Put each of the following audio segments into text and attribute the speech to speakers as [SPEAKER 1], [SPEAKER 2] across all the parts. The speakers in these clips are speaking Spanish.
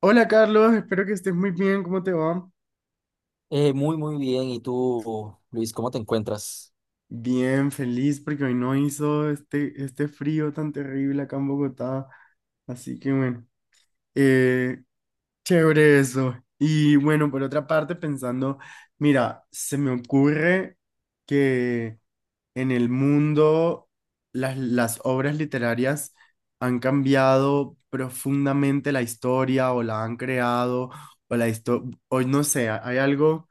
[SPEAKER 1] Hola Carlos, espero que estés muy bien, ¿cómo te va?
[SPEAKER 2] Muy bien. ¿Y tú, Luis, cómo te encuentras?
[SPEAKER 1] Bien, feliz porque hoy no hizo este frío tan terrible acá en Bogotá, así que bueno, eh, chévere eso. Y bueno, por otra parte, pensando, mira, se me ocurre que en el mundo las obras literarias han cambiado profundamente la historia o la han creado, o la historia, o no sé,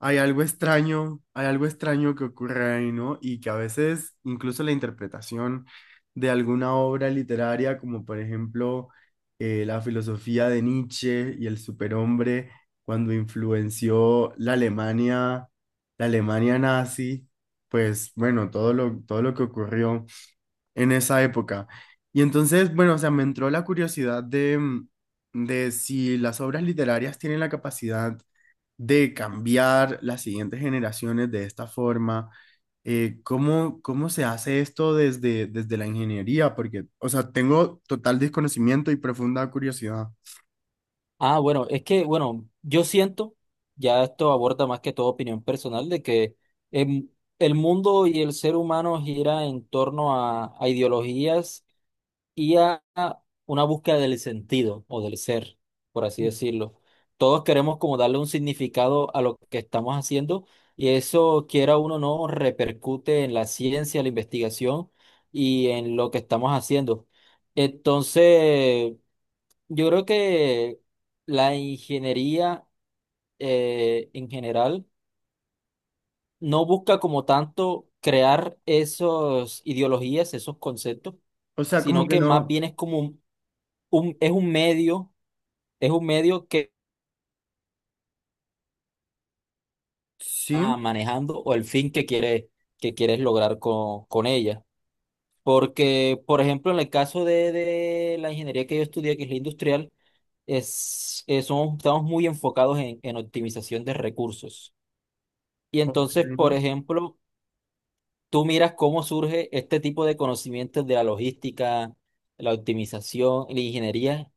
[SPEAKER 1] hay algo extraño, hay algo extraño que ocurre ahí, ¿no? Y que a veces incluso la interpretación de alguna obra literaria, como por ejemplo la filosofía de Nietzsche y el superhombre, cuando influenció la Alemania nazi, pues bueno, todo lo que ocurrió en esa época. Y entonces, bueno, o sea, me entró la curiosidad de, de si las obras literarias tienen la capacidad de cambiar las siguientes generaciones de esta forma. ¿Cómo se hace esto desde la ingeniería? Porque, o sea, tengo total desconocimiento y profunda curiosidad.
[SPEAKER 2] Ah, bueno, es que, bueno, yo siento ya esto aborda más que todo opinión personal, de que em, el mundo y el ser humano gira en torno a ideologías y a una búsqueda del sentido o del ser, por así decirlo. Todos queremos como darle un significado a lo que estamos haciendo y eso, quiera uno o no, repercute en la ciencia, la investigación y en lo que estamos haciendo. Entonces, yo creo que la ingeniería en general no busca como tanto crear esas ideologías, esos conceptos,
[SPEAKER 1] O sea, como
[SPEAKER 2] sino
[SPEAKER 1] que
[SPEAKER 2] que más
[SPEAKER 1] no,
[SPEAKER 2] bien es como un, es un medio, es un medio que
[SPEAKER 1] sí,
[SPEAKER 2] está manejando o el fin que que quieres lograr con ella. Porque, por ejemplo, en el caso de la ingeniería que yo estudié, que es la industrial, estamos muy enfocados en optimización de recursos. Y
[SPEAKER 1] ok.
[SPEAKER 2] entonces, por ejemplo, tú miras cómo surge este tipo de conocimientos de la logística, la optimización, la ingeniería.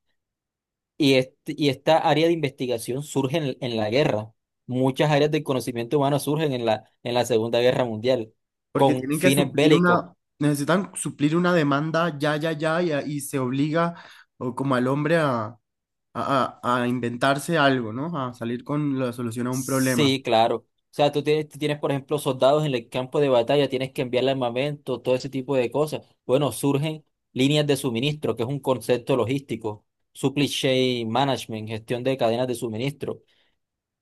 [SPEAKER 2] Y esta área de investigación surge en la guerra. Muchas áreas del conocimiento humano surgen en en la Segunda Guerra Mundial,
[SPEAKER 1] Porque
[SPEAKER 2] con
[SPEAKER 1] tienen que
[SPEAKER 2] fines
[SPEAKER 1] suplir
[SPEAKER 2] bélicos.
[SPEAKER 1] una, necesitan suplir una demanda, y se obliga o como al hombre a inventarse algo, ¿no? A salir con la solución a un problema.
[SPEAKER 2] Sí, claro. O sea, tú tienes, por ejemplo, soldados en el campo de batalla, tienes que enviarle armamento, todo ese tipo de cosas. Bueno, surgen líneas de suministro, que es un concepto logístico, supply chain management, gestión de cadenas de suministro.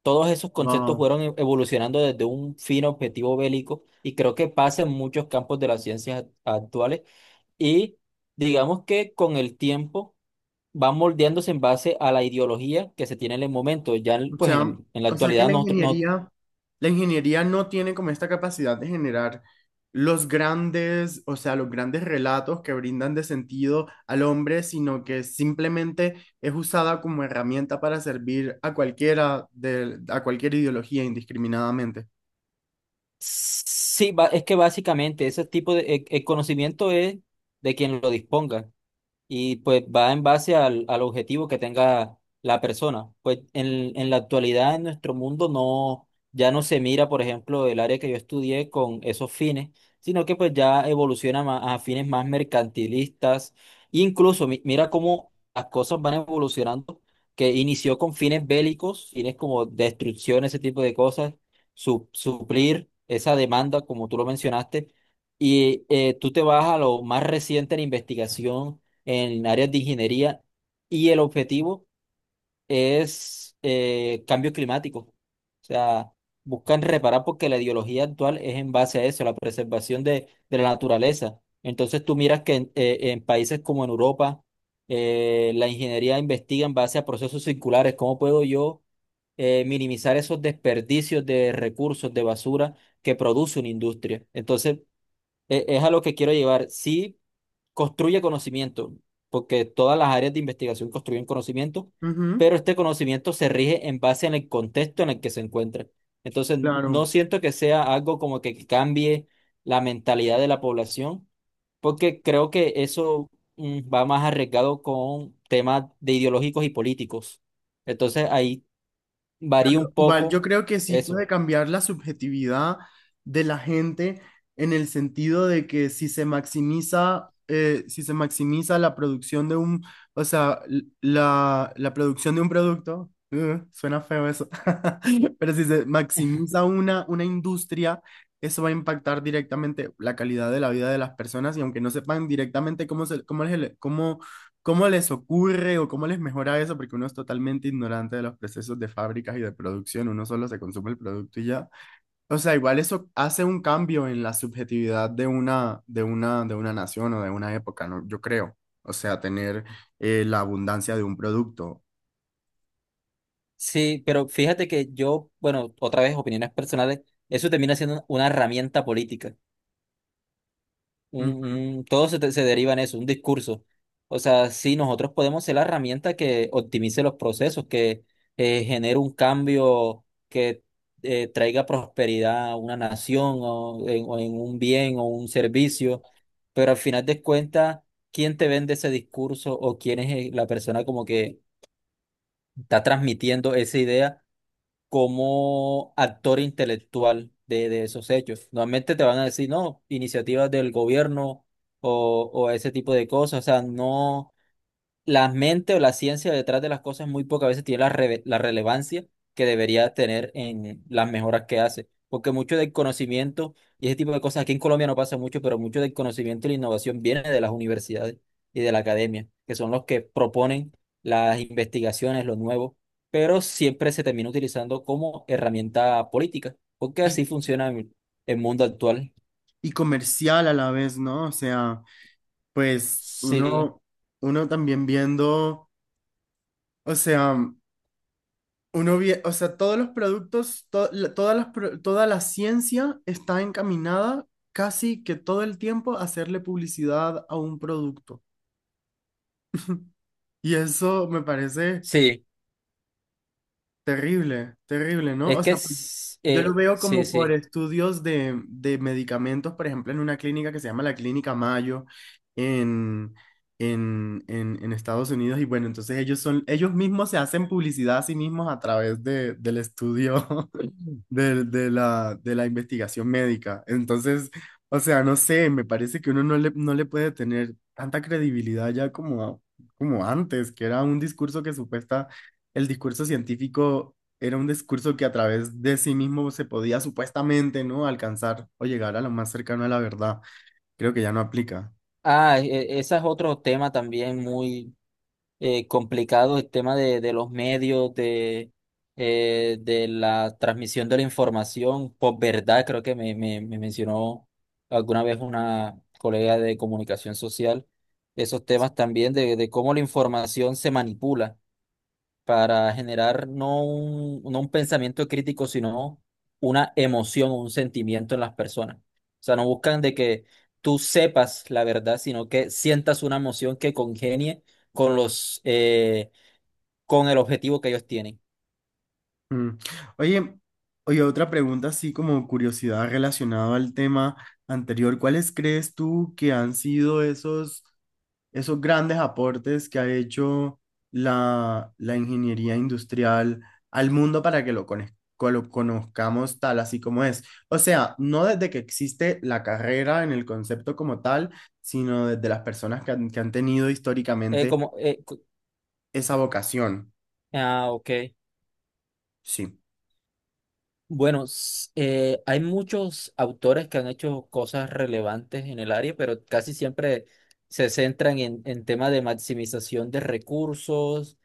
[SPEAKER 2] Todos esos conceptos
[SPEAKER 1] Wow.
[SPEAKER 2] fueron evolucionando desde un fino objetivo bélico y creo que pasa en muchos campos de las ciencias actuales y digamos que con el tiempo van moldeándose en base a la ideología que se tiene en el momento.
[SPEAKER 1] O
[SPEAKER 2] Pues
[SPEAKER 1] sea,
[SPEAKER 2] en la
[SPEAKER 1] o sea que
[SPEAKER 2] actualidad
[SPEAKER 1] la
[SPEAKER 2] no, no
[SPEAKER 1] ingeniería, la ingeniería no tiene como esta capacidad de generar los grandes, o sea, los grandes relatos que brindan de sentido al hombre, sino que simplemente es usada como herramienta para servir a cualquiera de, a cualquier ideología indiscriminadamente.
[SPEAKER 2] sí, es que básicamente ese tipo de el conocimiento es de quien lo disponga. Y pues va en base al objetivo que tenga la persona. Pues en la actualidad en nuestro mundo no, ya no se mira, por ejemplo, el área que yo estudié con esos fines, sino que pues ya evoluciona a fines más mercantilistas. Incluso mira cómo las cosas van evolucionando, que inició con fines bélicos, fines como destrucción, ese tipo de cosas, suplir esa demanda, como tú lo mencionaste. Y tú te vas a lo más reciente en investigación en áreas de ingeniería y el objetivo es cambio climático. O sea, buscan reparar porque la ideología actual es en base a eso, la preservación de la naturaleza. Entonces tú miras que en países como en Europa, la ingeniería investiga en base a procesos circulares, cómo puedo yo minimizar esos desperdicios de recursos, de basura que produce una industria. Entonces, es a lo que quiero llevar. Sí, construye conocimiento, porque todas las áreas de investigación construyen conocimiento,
[SPEAKER 1] Ujú,
[SPEAKER 2] pero este conocimiento se rige en base en el contexto en el que se encuentra. Entonces,
[SPEAKER 1] claro.
[SPEAKER 2] no siento que sea algo como que cambie la mentalidad de la población, porque creo que eso va más arriesgado con temas de ideológicos y políticos. Entonces, ahí varía un
[SPEAKER 1] Igual yo
[SPEAKER 2] poco
[SPEAKER 1] creo que sí
[SPEAKER 2] eso.
[SPEAKER 1] puede cambiar la subjetividad de la gente en el sentido de que si se maximiza, si se maximiza la producción de un, o sea, la producción de un producto, suena feo eso, pero si se maximiza una industria, eso va a impactar directamente la calidad de la vida de las personas y aunque no sepan directamente cómo, se, cómo, es el- cómo ¿Cómo les ocurre o cómo les mejora eso? Porque uno es totalmente ignorante de los procesos de fábricas y de producción, uno solo se consume el producto y ya. O sea, igual eso hace un cambio en la subjetividad de una, de una nación o de una época, ¿no? Yo creo. O sea, tener la abundancia de un producto.
[SPEAKER 2] Sí, pero fíjate que yo, bueno, otra vez opiniones personales, eso termina siendo una herramienta política. Un-
[SPEAKER 1] Ujú.
[SPEAKER 2] Todo se deriva en eso, un discurso. O sea, sí, nosotros podemos ser la herramienta que optimice los procesos, que genere un cambio que traiga prosperidad a una nación o en un bien o un servicio, pero al final de cuentas, ¿quién te vende ese discurso o quién es la persona como que está transmitiendo esa idea? Como actor intelectual de esos hechos. Normalmente te van a decir, no, iniciativas del gobierno o ese tipo de cosas, o sea, no la mente o la ciencia detrás de las cosas muy pocas veces tiene la relevancia que debería tener en las mejoras que hace. Porque mucho del conocimiento y ese tipo de cosas, aquí en Colombia no pasa mucho, pero mucho del conocimiento y la innovación viene de las universidades y de la academia, que son los que proponen las investigaciones, lo nuevo, pero siempre se termina utilizando como herramienta política, porque
[SPEAKER 1] Y,
[SPEAKER 2] así funciona el mundo actual.
[SPEAKER 1] y comercial a la vez, ¿no? O sea, pues
[SPEAKER 2] Sí,
[SPEAKER 1] uno, uno también viendo, o sea... O sea, todos los productos, to- la- todas las pro- toda la ciencia está encaminada casi que todo el tiempo a hacerle publicidad a un producto. Y eso me parece
[SPEAKER 2] sí,
[SPEAKER 1] terrible, terrible, ¿no? O sea, pues, yo lo veo
[SPEAKER 2] sí,
[SPEAKER 1] como por
[SPEAKER 2] sí.
[SPEAKER 1] estudios de medicamentos, por ejemplo, en una clínica que se llama la Clínica Mayo en, en Estados Unidos. Y bueno, entonces ellos son, ellos mismos se hacen publicidad a sí mismos a través de, del estudio de, de la investigación médica. Entonces, o sea, no sé, me parece que uno no le, no le puede tener tanta credibilidad ya como, a- como antes, que era un discurso que supuesta, el discurso científico era un discurso que a través de sí mismo se podía supuestamente, ¿no? Alcanzar o llegar a lo más cercano a la verdad. Creo que ya no aplica.
[SPEAKER 2] Ah, ese es otro tema también muy complicado, el tema de los medios, de la transmisión de la información, por verdad, creo que me mencionó alguna vez una colega de comunicación social, esos temas también de cómo la información se manipula para generar no un pensamiento crítico, sino una emoción o un sentimiento en las personas. O sea, no buscan de que tú sepas la verdad, sino que sientas una emoción que congenie con con el objetivo que ellos tienen.
[SPEAKER 1] Mm. Oye, oye, otra pregunta así como curiosidad relacionada al tema anterior. ¿Cuáles crees tú que han sido esos grandes aportes que ha hecho la ingeniería industrial al mundo para que lo, cono- co- lo conozcamos tal así como es? O sea, no desde que existe la carrera en el concepto como tal, sino desde las personas que han tenido
[SPEAKER 2] Eh,
[SPEAKER 1] históricamente
[SPEAKER 2] como, eh, co-
[SPEAKER 1] esa vocación.
[SPEAKER 2] ah, ok.
[SPEAKER 1] Sí.
[SPEAKER 2] Bueno, hay muchos autores que han hecho cosas relevantes en el área, pero casi siempre se centran en temas de maximización de recursos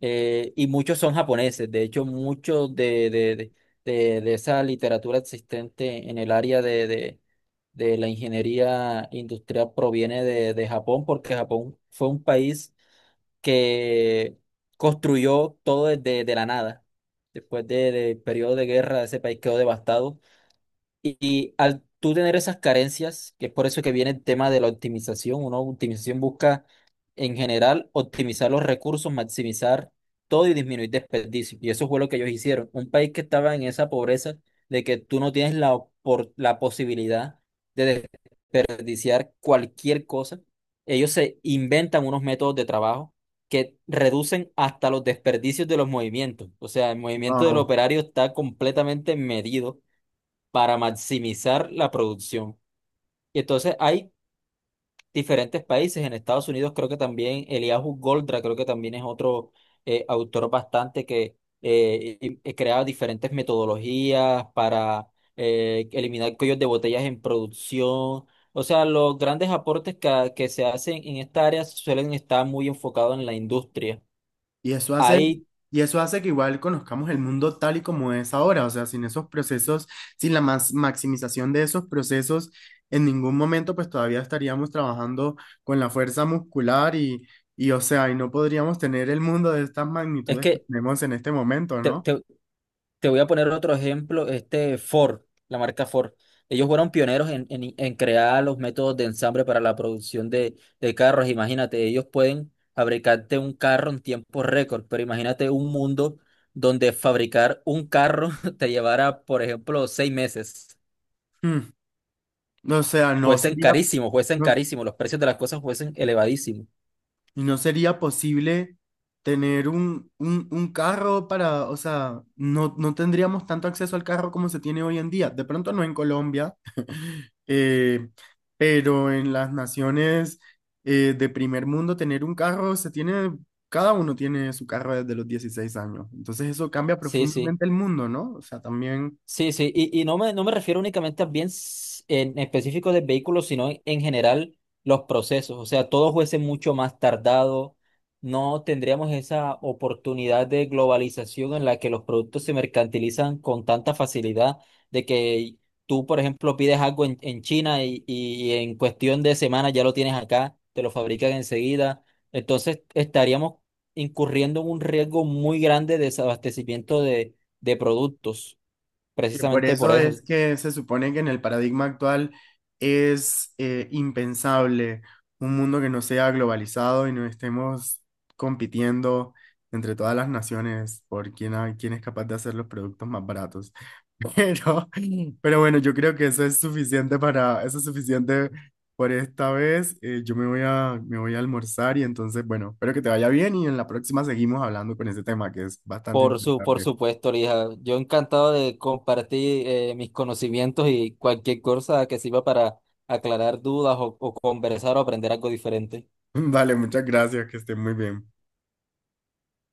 [SPEAKER 2] y muchos son japoneses. De hecho, mucho de esa literatura existente en el área de la ingeniería industrial proviene de Japón, porque Japón fue un país que construyó todo desde de la nada. Después del periodo de guerra, ese país quedó devastado. Y al tú tener esas carencias, que es por eso que viene el tema de la optimización, una optimización busca en general optimizar los recursos, maximizar todo y disminuir desperdicios. Y eso fue lo que ellos hicieron. Un país que estaba en esa pobreza de que tú no tienes la posibilidad de desperdiciar cualquier cosa. Ellos se inventan unos métodos de trabajo que reducen hasta los desperdicios de los movimientos. O sea, el movimiento del
[SPEAKER 1] Wao.
[SPEAKER 2] operario está completamente medido para maximizar la producción. Y entonces hay diferentes países. En Estados Unidos creo que también Eliahu Goldratt, creo que también es otro autor bastante que y crea diferentes metodologías para eliminar cuellos de botellas en producción. O sea, los grandes aportes que se hacen en esta área suelen estar muy enfocados en la industria.
[SPEAKER 1] Y eso hace,
[SPEAKER 2] Ahí
[SPEAKER 1] y eso hace que igual conozcamos el mundo tal y como es ahora, o sea, sin esos procesos, sin la mas- maximización de esos procesos, en ningún momento pues todavía estaríamos trabajando con la fuerza muscular y o sea, y no podríamos tener el mundo de estas
[SPEAKER 2] es
[SPEAKER 1] magnitudes que
[SPEAKER 2] que
[SPEAKER 1] tenemos en este momento,
[SPEAKER 2] te
[SPEAKER 1] ¿no?
[SPEAKER 2] te- te voy a poner otro ejemplo, este Ford, la marca Ford. Ellos fueron pioneros en crear los métodos de ensamble para la producción de carros. Imagínate, ellos pueden fabricarte un carro en tiempo récord, pero imagínate un mundo donde fabricar un carro te llevara, por ejemplo, 6 meses.
[SPEAKER 1] Mm. O sea, no sería,
[SPEAKER 2] Fuesen
[SPEAKER 1] no-
[SPEAKER 2] carísimo, los precios de las cosas fuesen elevadísimos.
[SPEAKER 1] y no sería posible tener un, un carro para, o sea, no, no tendríamos tanto acceso al carro como se tiene hoy en día. De pronto no en Colombia, eh, pero en las naciones de primer mundo tener un carro se tiene, cada uno tiene su carro desde los 16 años. Entonces eso cambia
[SPEAKER 2] Sí, sí.
[SPEAKER 1] profundamente el mundo, ¿no? O sea, también
[SPEAKER 2] Sí, sí, y no me, no me refiero únicamente a bienes en específico de vehículos, sino en general los procesos. O sea, todo fuese mucho más tardado, no tendríamos esa oportunidad de globalización en la que los productos se mercantilizan con tanta facilidad, de que tú, por ejemplo, pides algo en China y en cuestión de semanas ya lo tienes acá, te lo fabrican enseguida. Entonces, estaríamos incurriendo en un riesgo muy grande de desabastecimiento de productos.
[SPEAKER 1] que por
[SPEAKER 2] Precisamente por
[SPEAKER 1] eso es
[SPEAKER 2] eso,
[SPEAKER 1] que se supone que en el paradigma actual es impensable un mundo que no sea globalizado y no estemos compitiendo entre todas las naciones por quién, ha- quién es capaz de hacer los productos más baratos. Pero, pero bueno, yo creo que eso es suficiente para, eso es suficiente por esta vez. Yo me voy a almorzar y entonces, bueno, espero que te vaya bien y en la próxima seguimos hablando con ese tema que es bastante
[SPEAKER 2] por
[SPEAKER 1] interesante.
[SPEAKER 2] supuesto, Lija. Yo encantado de compartir mis conocimientos y cualquier cosa que sirva para aclarar dudas o conversar o aprender algo diferente.
[SPEAKER 1] Vale, muchas gracias, que esté muy bien.